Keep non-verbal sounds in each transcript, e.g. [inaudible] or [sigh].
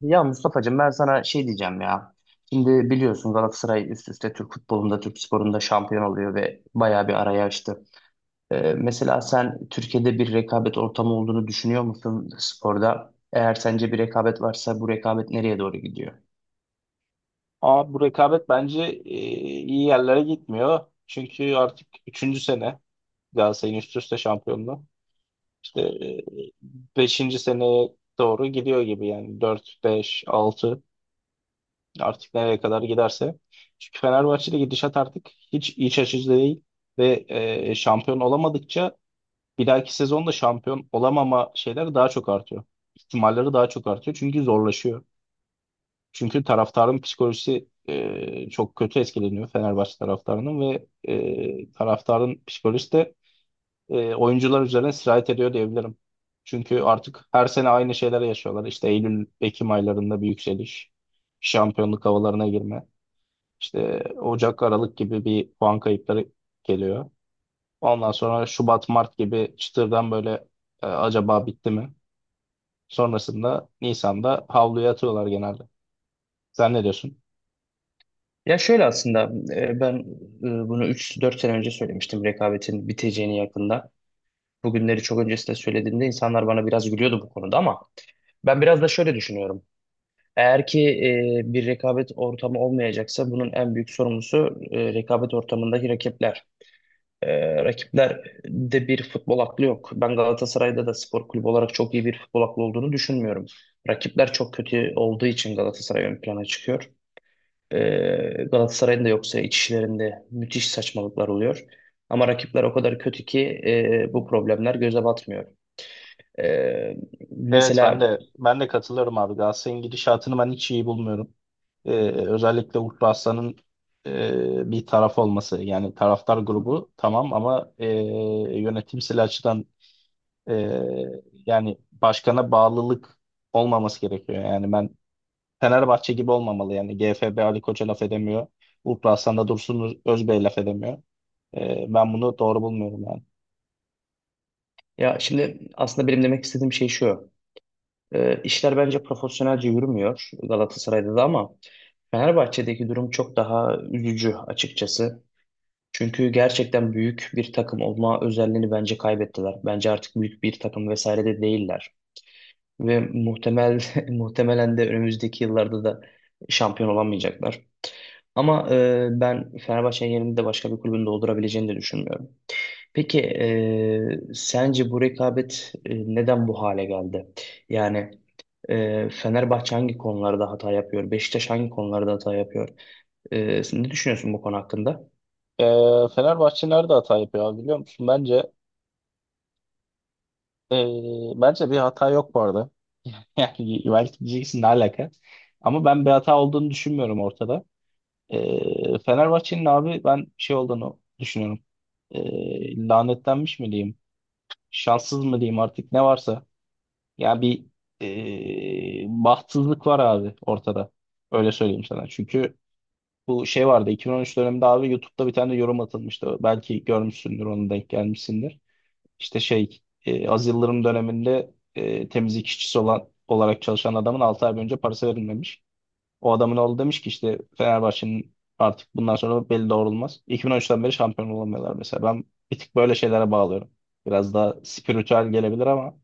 Ya Mustafa'cığım ben sana şey diyeceğim ya. Şimdi biliyorsun Galatasaray üst üste Türk futbolunda, Türk sporunda şampiyon oluyor ve bayağı bir araya açtı. Mesela sen Türkiye'de bir rekabet ortamı olduğunu düşünüyor musun sporda? Eğer sence bir rekabet varsa bu rekabet nereye doğru gidiyor? Ama bu rekabet bence iyi yerlere gitmiyor. Çünkü artık üçüncü sene Galatasaray'ın üst üste şampiyonluğu. İşte beşinci seneye doğru gidiyor gibi yani. Dört, beş, altı artık nereye kadar giderse. Çünkü Fenerbahçe'de gidişat artık hiç iç açıcı değil. Ve şampiyon olamadıkça bir dahaki sezonda şampiyon olamama şeyleri daha çok artıyor. İhtimalleri daha çok artıyor çünkü zorlaşıyor. Çünkü taraftarın psikolojisi çok kötü etkileniyor Fenerbahçe taraftarının ve taraftarın psikolojisi de oyuncular üzerine sirayet ediyor diyebilirim. Çünkü artık her sene aynı şeyleri yaşıyorlar. İşte Eylül, Ekim aylarında bir yükseliş, şampiyonluk havalarına girme, işte Ocak, Aralık gibi bir puan kayıpları geliyor. Ondan sonra Şubat, Mart gibi çıtırdan böyle acaba bitti mi? Sonrasında Nisan'da havluya atıyorlar genelde. Sen ne diyorsun? Ya şöyle aslında, ben bunu 3-4 sene önce söylemiştim rekabetin biteceğini yakında. Bugünleri çok öncesinde söylediğimde insanlar bana biraz gülüyordu bu konuda, ama ben biraz da şöyle düşünüyorum. Eğer ki bir rekabet ortamı olmayacaksa, bunun en büyük sorumlusu rekabet ortamındaki rakipler. Rakipler de bir futbol aklı yok. Ben Galatasaray'da da spor kulübü olarak çok iyi bir futbol aklı olduğunu düşünmüyorum. Rakipler çok kötü olduğu için Galatasaray ön plana çıkıyor. E, Galatasaray'ın da yoksa iç işlerinde müthiş saçmalıklar oluyor. Ama rakipler o kadar kötü ki bu problemler göze batmıyor. E, Evet ben mesela de ben de katılıyorum abi. Galatasaray'ın gidişatını ben hiç iyi bulmuyorum. Ee, Özellikle Uğur Aslan'ın bir taraf olması yani taraftar grubu tamam ama yönetimsel açıdan e, yani başkana bağlılık olmaması gerekiyor. Yani ben Fenerbahçe gibi olmamalı yani GFB Ali Koç'a laf edemiyor. Uğur Aslan da Dursun Özbey laf edemiyor. Ben bunu doğru bulmuyorum yani. ya şimdi aslında benim demek istediğim şey şu. E, işler bence profesyonelce yürümüyor Galatasaray'da da, ama Fenerbahçe'deki durum çok daha üzücü açıkçası. Çünkü gerçekten büyük bir takım olma özelliğini bence kaybettiler. Bence artık büyük bir takım vesaire de değiller. Ve [laughs] muhtemelen de önümüzdeki yıllarda da şampiyon olamayacaklar. Ama ben Fenerbahçe'nin yerini de başka bir kulübün doldurabileceğini de düşünmüyorum. Peki, sence bu rekabet neden bu hale geldi? Yani, Fenerbahçe hangi konularda hata yapıyor? Beşiktaş hangi konularda hata yapıyor? Sen ne düşünüyorsun bu konu hakkında? Fenerbahçe nerede hata yapıyor abi biliyor musun? Bence bir hata yok bu arada. [laughs] Yani belki diyeceksin ne alaka. Ama ben bir hata olduğunu düşünmüyorum ortada. Fenerbahçe'nin abi ben şey olduğunu düşünüyorum. Lanetlenmiş mi diyeyim? Şanssız mı diyeyim artık ne varsa. Ya bir bahtsızlık var abi ortada. Öyle söyleyeyim sana. Çünkü bu şey vardı 2013 döneminde abi YouTube'da bir tane de yorum atılmıştı. Belki görmüşsündür onu denk gelmişsindir. İşte şey, az Yıldırım döneminde temizlik işçisi olarak çalışan adamın 6 ay boyunca parası verilmemiş. O adamın oğlu demiş ki işte Fenerbahçe'nin artık bundan sonra beli doğrulmaz. 2013'ten beri şampiyon olamıyorlar mesela. Ben bir tık böyle şeylere bağlıyorum. Biraz daha spiritüel gelebilir ama.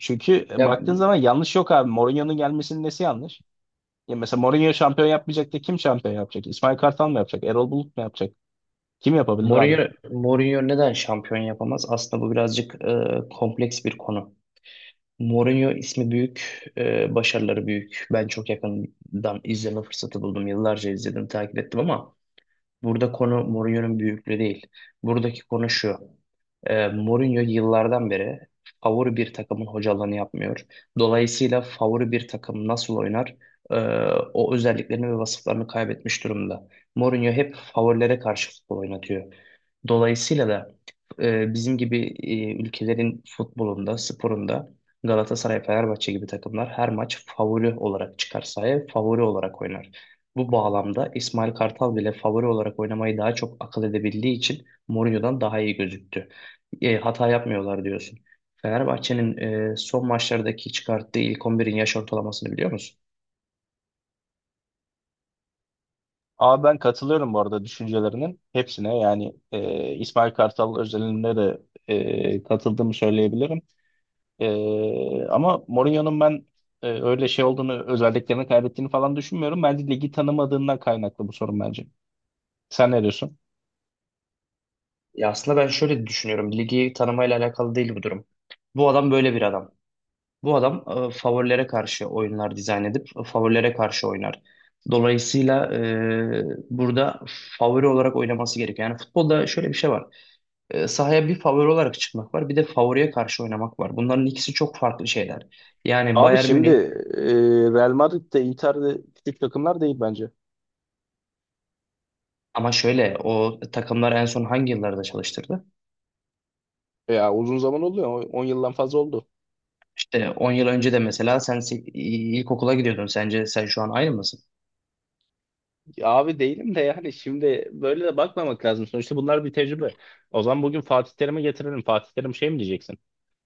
Çünkü Ya baktığın zaman yanlış yok abi. Mourinho'nun gelmesinin nesi yanlış? Ya mesela Mourinho şampiyon yapmayacak da kim şampiyon yapacak? İsmail Kartal mı yapacak? Erol Bulut mu yapacak? Kim yapabilir abi? Mourinho neden şampiyon yapamaz? Aslında bu birazcık kompleks bir konu. Mourinho ismi büyük, başarıları büyük. Ben çok yakından izleme fırsatı buldum. Yıllarca izledim, takip ettim, ama burada konu Mourinho'nun büyüklüğü değil. Buradaki konu şu. Mourinho yıllardan beri favori bir takımın hocalığını yapmıyor. Dolayısıyla favori bir takım nasıl oynar? e, o özelliklerini ve vasıflarını kaybetmiş durumda. Mourinho hep favorilere karşı futbol oynatıyor. Dolayısıyla da bizim gibi ülkelerin futbolunda, sporunda Galatasaray, Fenerbahçe gibi takımlar her maç favori olarak çıkar sahaya, favori olarak oynar. Bu bağlamda İsmail Kartal bile favori olarak oynamayı daha çok akıl edebildiği için Mourinho'dan daha iyi gözüktü. Hata yapmıyorlar diyorsun. Fenerbahçe'nin son maçlardaki çıkarttığı ilk 11'in yaş ortalamasını biliyor musun? Abi ben katılıyorum bu arada düşüncelerinin hepsine. Yani İsmail Kartal özelinde de katıldığımı söyleyebilirim. E, ama Mourinho'nun ben öyle şey olduğunu, özelliklerini kaybettiğini falan düşünmüyorum. Bence ligi tanımadığından kaynaklı bu sorun bence. Sen ne diyorsun? Ya aslında ben şöyle düşünüyorum. Ligi tanımayla alakalı değil bu durum. Bu adam böyle bir adam. Bu adam favorilere karşı oyunlar dizayn edip favorilere karşı oynar. Dolayısıyla burada favori olarak oynaması gerekiyor. Yani futbolda şöyle bir şey var. Sahaya bir favori olarak çıkmak var, bir de favoriye karşı oynamak var. Bunların ikisi çok farklı şeyler. Yani Abi Bayern şimdi Münih e, Real Madrid Inter'de küçük takımlar değil bence. ama şöyle, o takımlar en son hangi yıllarda çalıştırdı? Ya uzun zaman oluyor. 10 yıldan fazla oldu. İşte 10 yıl önce de mesela sen ilkokula gidiyordun. Sence sen şu an aynı mısın? Ya abi değilim de yani şimdi böyle de bakmamak lazım. Sonuçta bunlar bir tecrübe. O zaman bugün Fatih Terim'i getirelim. Fatih Terim şey mi diyeceksin?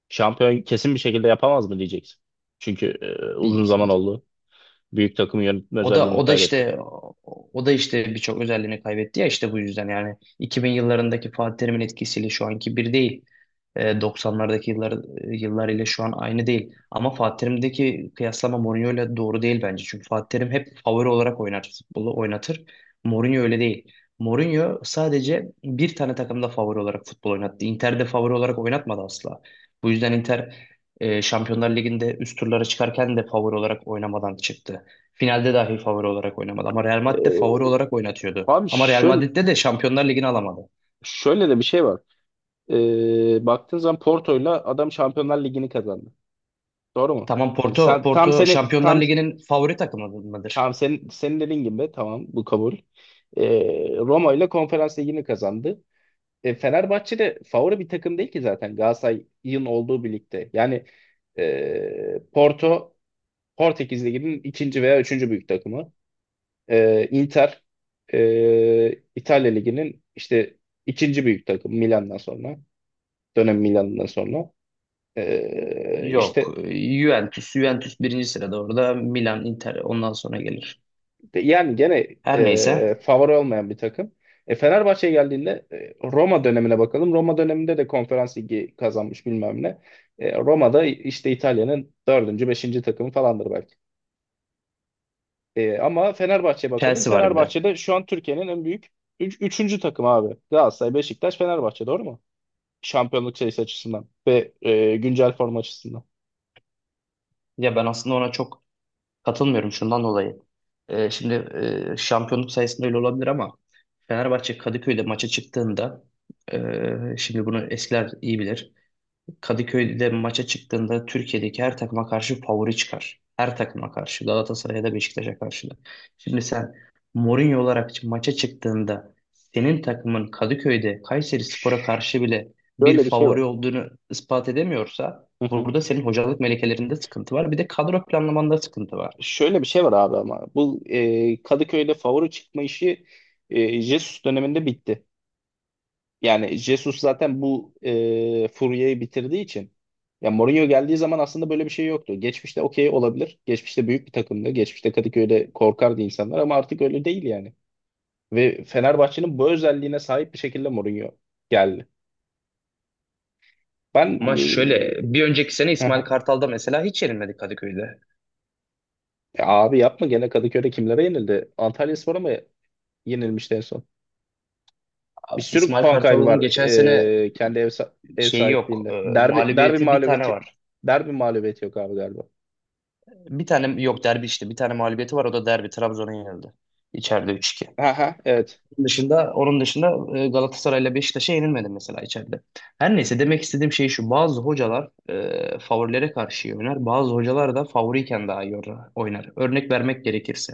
Şampiyon kesin bir şekilde yapamaz mı diyeceksin? Çünkü uzun zaman oldu. Büyük takım yönetme O da özelliğini o da kaybetti. işte o da işte birçok özelliğini kaybetti ya, işte bu yüzden yani 2000 yıllarındaki Fatih Terim'in etkisiyle şu anki bir değil. 90'lardaki yıllar ile şu an aynı değil. Ama Fatih Terim'deki kıyaslama Mourinho ile doğru değil bence. Çünkü Fatih Terim hep favori olarak oynar, futbolu oynatır. Mourinho öyle değil. Mourinho sadece bir tane takımda favori olarak futbol oynattı. Inter'de favori olarak oynatmadı asla. Bu yüzden Inter Şampiyonlar Ligi'nde üst turlara çıkarken de favori olarak oynamadan çıktı. Finalde dahi favori olarak oynamadı. Ama Real Madrid de E, favori olarak oynatıyordu. abi Ama Real şöyle Madrid'de de Şampiyonlar Ligi'ni alamadı. şöyle de bir şey var. Baktığın zaman Porto'yla adam Şampiyonlar Ligi'ni kazandı. Doğru mu? Tamam, E, Porto, sen tam Porto senin Şampiyonlar tam Ligi'nin favori takımı mıdır? tam senin senin dediğin gibi tamam bu kabul. E, Roma ile Konferans Ligi'ni kazandı. Fenerbahçe de favori bir takım değil ki zaten Galatasaray'ın olduğu birlikte. Yani Porto Portekiz Ligi'nin ikinci veya üçüncü büyük takımı. Inter İtalya Ligi'nin işte ikinci büyük takımı Milan'dan sonra. Dönem Milan'dan sonra. E, Yok. işte Juventus birinci sırada orada. Milan, Inter ondan sonra gelir. Yani gene Her neyse. Favori olmayan bir takım. Fenerbahçe'ye geldiğinde Roma dönemine bakalım. Roma döneminde de konferans ligi kazanmış bilmem ne. Roma'da işte İtalya'nın dördüncü, beşinci takımı falandır belki. Ama Fenerbahçe'ye bakalım. Chelsea var bir de. Fenerbahçe'de şu an Türkiye'nin en büyük üçüncü takımı abi. Galatasaray, Beşiktaş, Fenerbahçe doğru mu? Şampiyonluk sayısı açısından ve güncel form açısından. Ya ben aslında ona çok katılmıyorum şundan dolayı. Şimdi şampiyonluk sayısında öyle olabilir, ama Fenerbahçe Kadıköy'de maça çıktığında, şimdi bunu eskiler iyi bilir. Kadıköy'de maça çıktığında Türkiye'deki her takıma karşı favori çıkar. Her takıma karşı. Galatasaray'a da Beşiktaş'a karşı da. Şimdi sen Mourinho olarak maça çıktığında senin takımın Kadıköy'de Kayserispor'a karşı bile bir Böyle bir şey var. favori olduğunu ispat edemiyorsa, [laughs] burada senin hocalık melekelerinde sıkıntı var. Bir de kadro planlamanda sıkıntı var. Şöyle bir şey var abi ama bu Kadıköy'de favori çıkma işi Jesus döneminde bitti. Yani Jesus zaten bu furyayı bitirdiği için ya Mourinho geldiği zaman aslında böyle bir şey yoktu. Geçmişte okey olabilir. Geçmişte büyük bir takımdı. Geçmişte Kadıköy'de korkardı insanlar ama artık öyle değil yani. Ve Fenerbahçe'nin bu özelliğine sahip bir şekilde Mourinho geldi. Ben Ama şöyle, bir e, önceki sene İsmail [laughs] Kartal'da mesela hiç yenilmedi Kadıköy'de. abi yapma gene Kadıköy'de kimlere yenildi? Antalyaspor'a mı yenilmişti en son? Bir Abi, sürü İsmail puan kaybı Kartal'ın var geçen sene kendi ev şeyi yok. sahipliğinde. e, Derbi derbi mağlubiyeti bir tane mağlubiyeti var. derbi mağlubiyeti yok abi galiba. Bir tane yok derbi işte. Bir tane mağlubiyeti var. O da derbi. Trabzon'a yenildi. İçeride üç 2. Aha evet. Onun dışında, Galatasaray'la Beşiktaş'a yenilmedi mesela içeride. Her neyse, demek istediğim şey şu. Bazı hocalar favorilere karşı iyi oynar. Bazı hocalar da favoriyken daha iyi oynar. Örnek vermek gerekirse,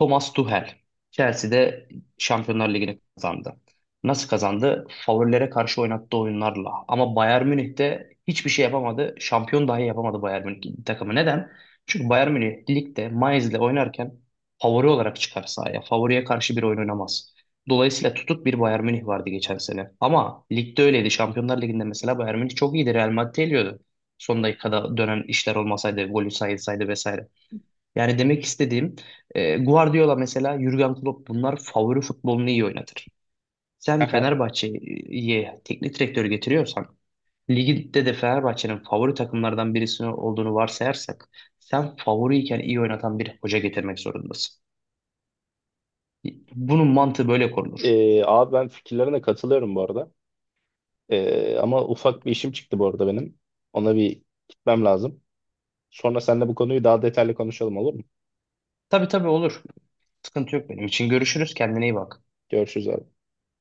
Thomas Tuchel Chelsea'de Şampiyonlar Ligi'ni kazandı. Nasıl kazandı? Favorilere karşı oynattığı oyunlarla. Ama Bayern Münih'te hiçbir şey yapamadı. Şampiyon dahi yapamadı Bayern Münih takımı. Neden? Çünkü Bayern Münih ligde Mainz'le oynarken favori olarak çıkar sahaya. Favoriye karşı bir oyun oynamaz. Dolayısıyla tutuk bir Bayern Münih vardı geçen sene. Ama ligde öyleydi. Şampiyonlar Ligi'nde mesela Bayern Münih çok iyiydi. Real Madrid'i eliyordu. Son dakikada dönen işler olmasaydı, golü sayılsaydı vesaire. Yani demek istediğim, Guardiola mesela, Jürgen Klopp, bunlar favori futbolunu iyi oynatır. Sen Aha. Fenerbahçe'ye teknik direktör getiriyorsan, ligde de Fenerbahçe'nin favori takımlardan birisi olduğunu varsayarsak, sen favoriyken iyi oynatan bir hoca getirmek zorundasın. Bunun mantığı böyle korunur. Abi ben fikirlerine katılıyorum bu arada. Ama ufak bir işim çıktı bu arada benim. Ona bir gitmem lazım. Sonra seninle bu konuyu daha detaylı konuşalım olur mu? Tabii tabii, olur. Sıkıntı yok benim için. Görüşürüz. Kendine iyi bak. Görüşürüz abi.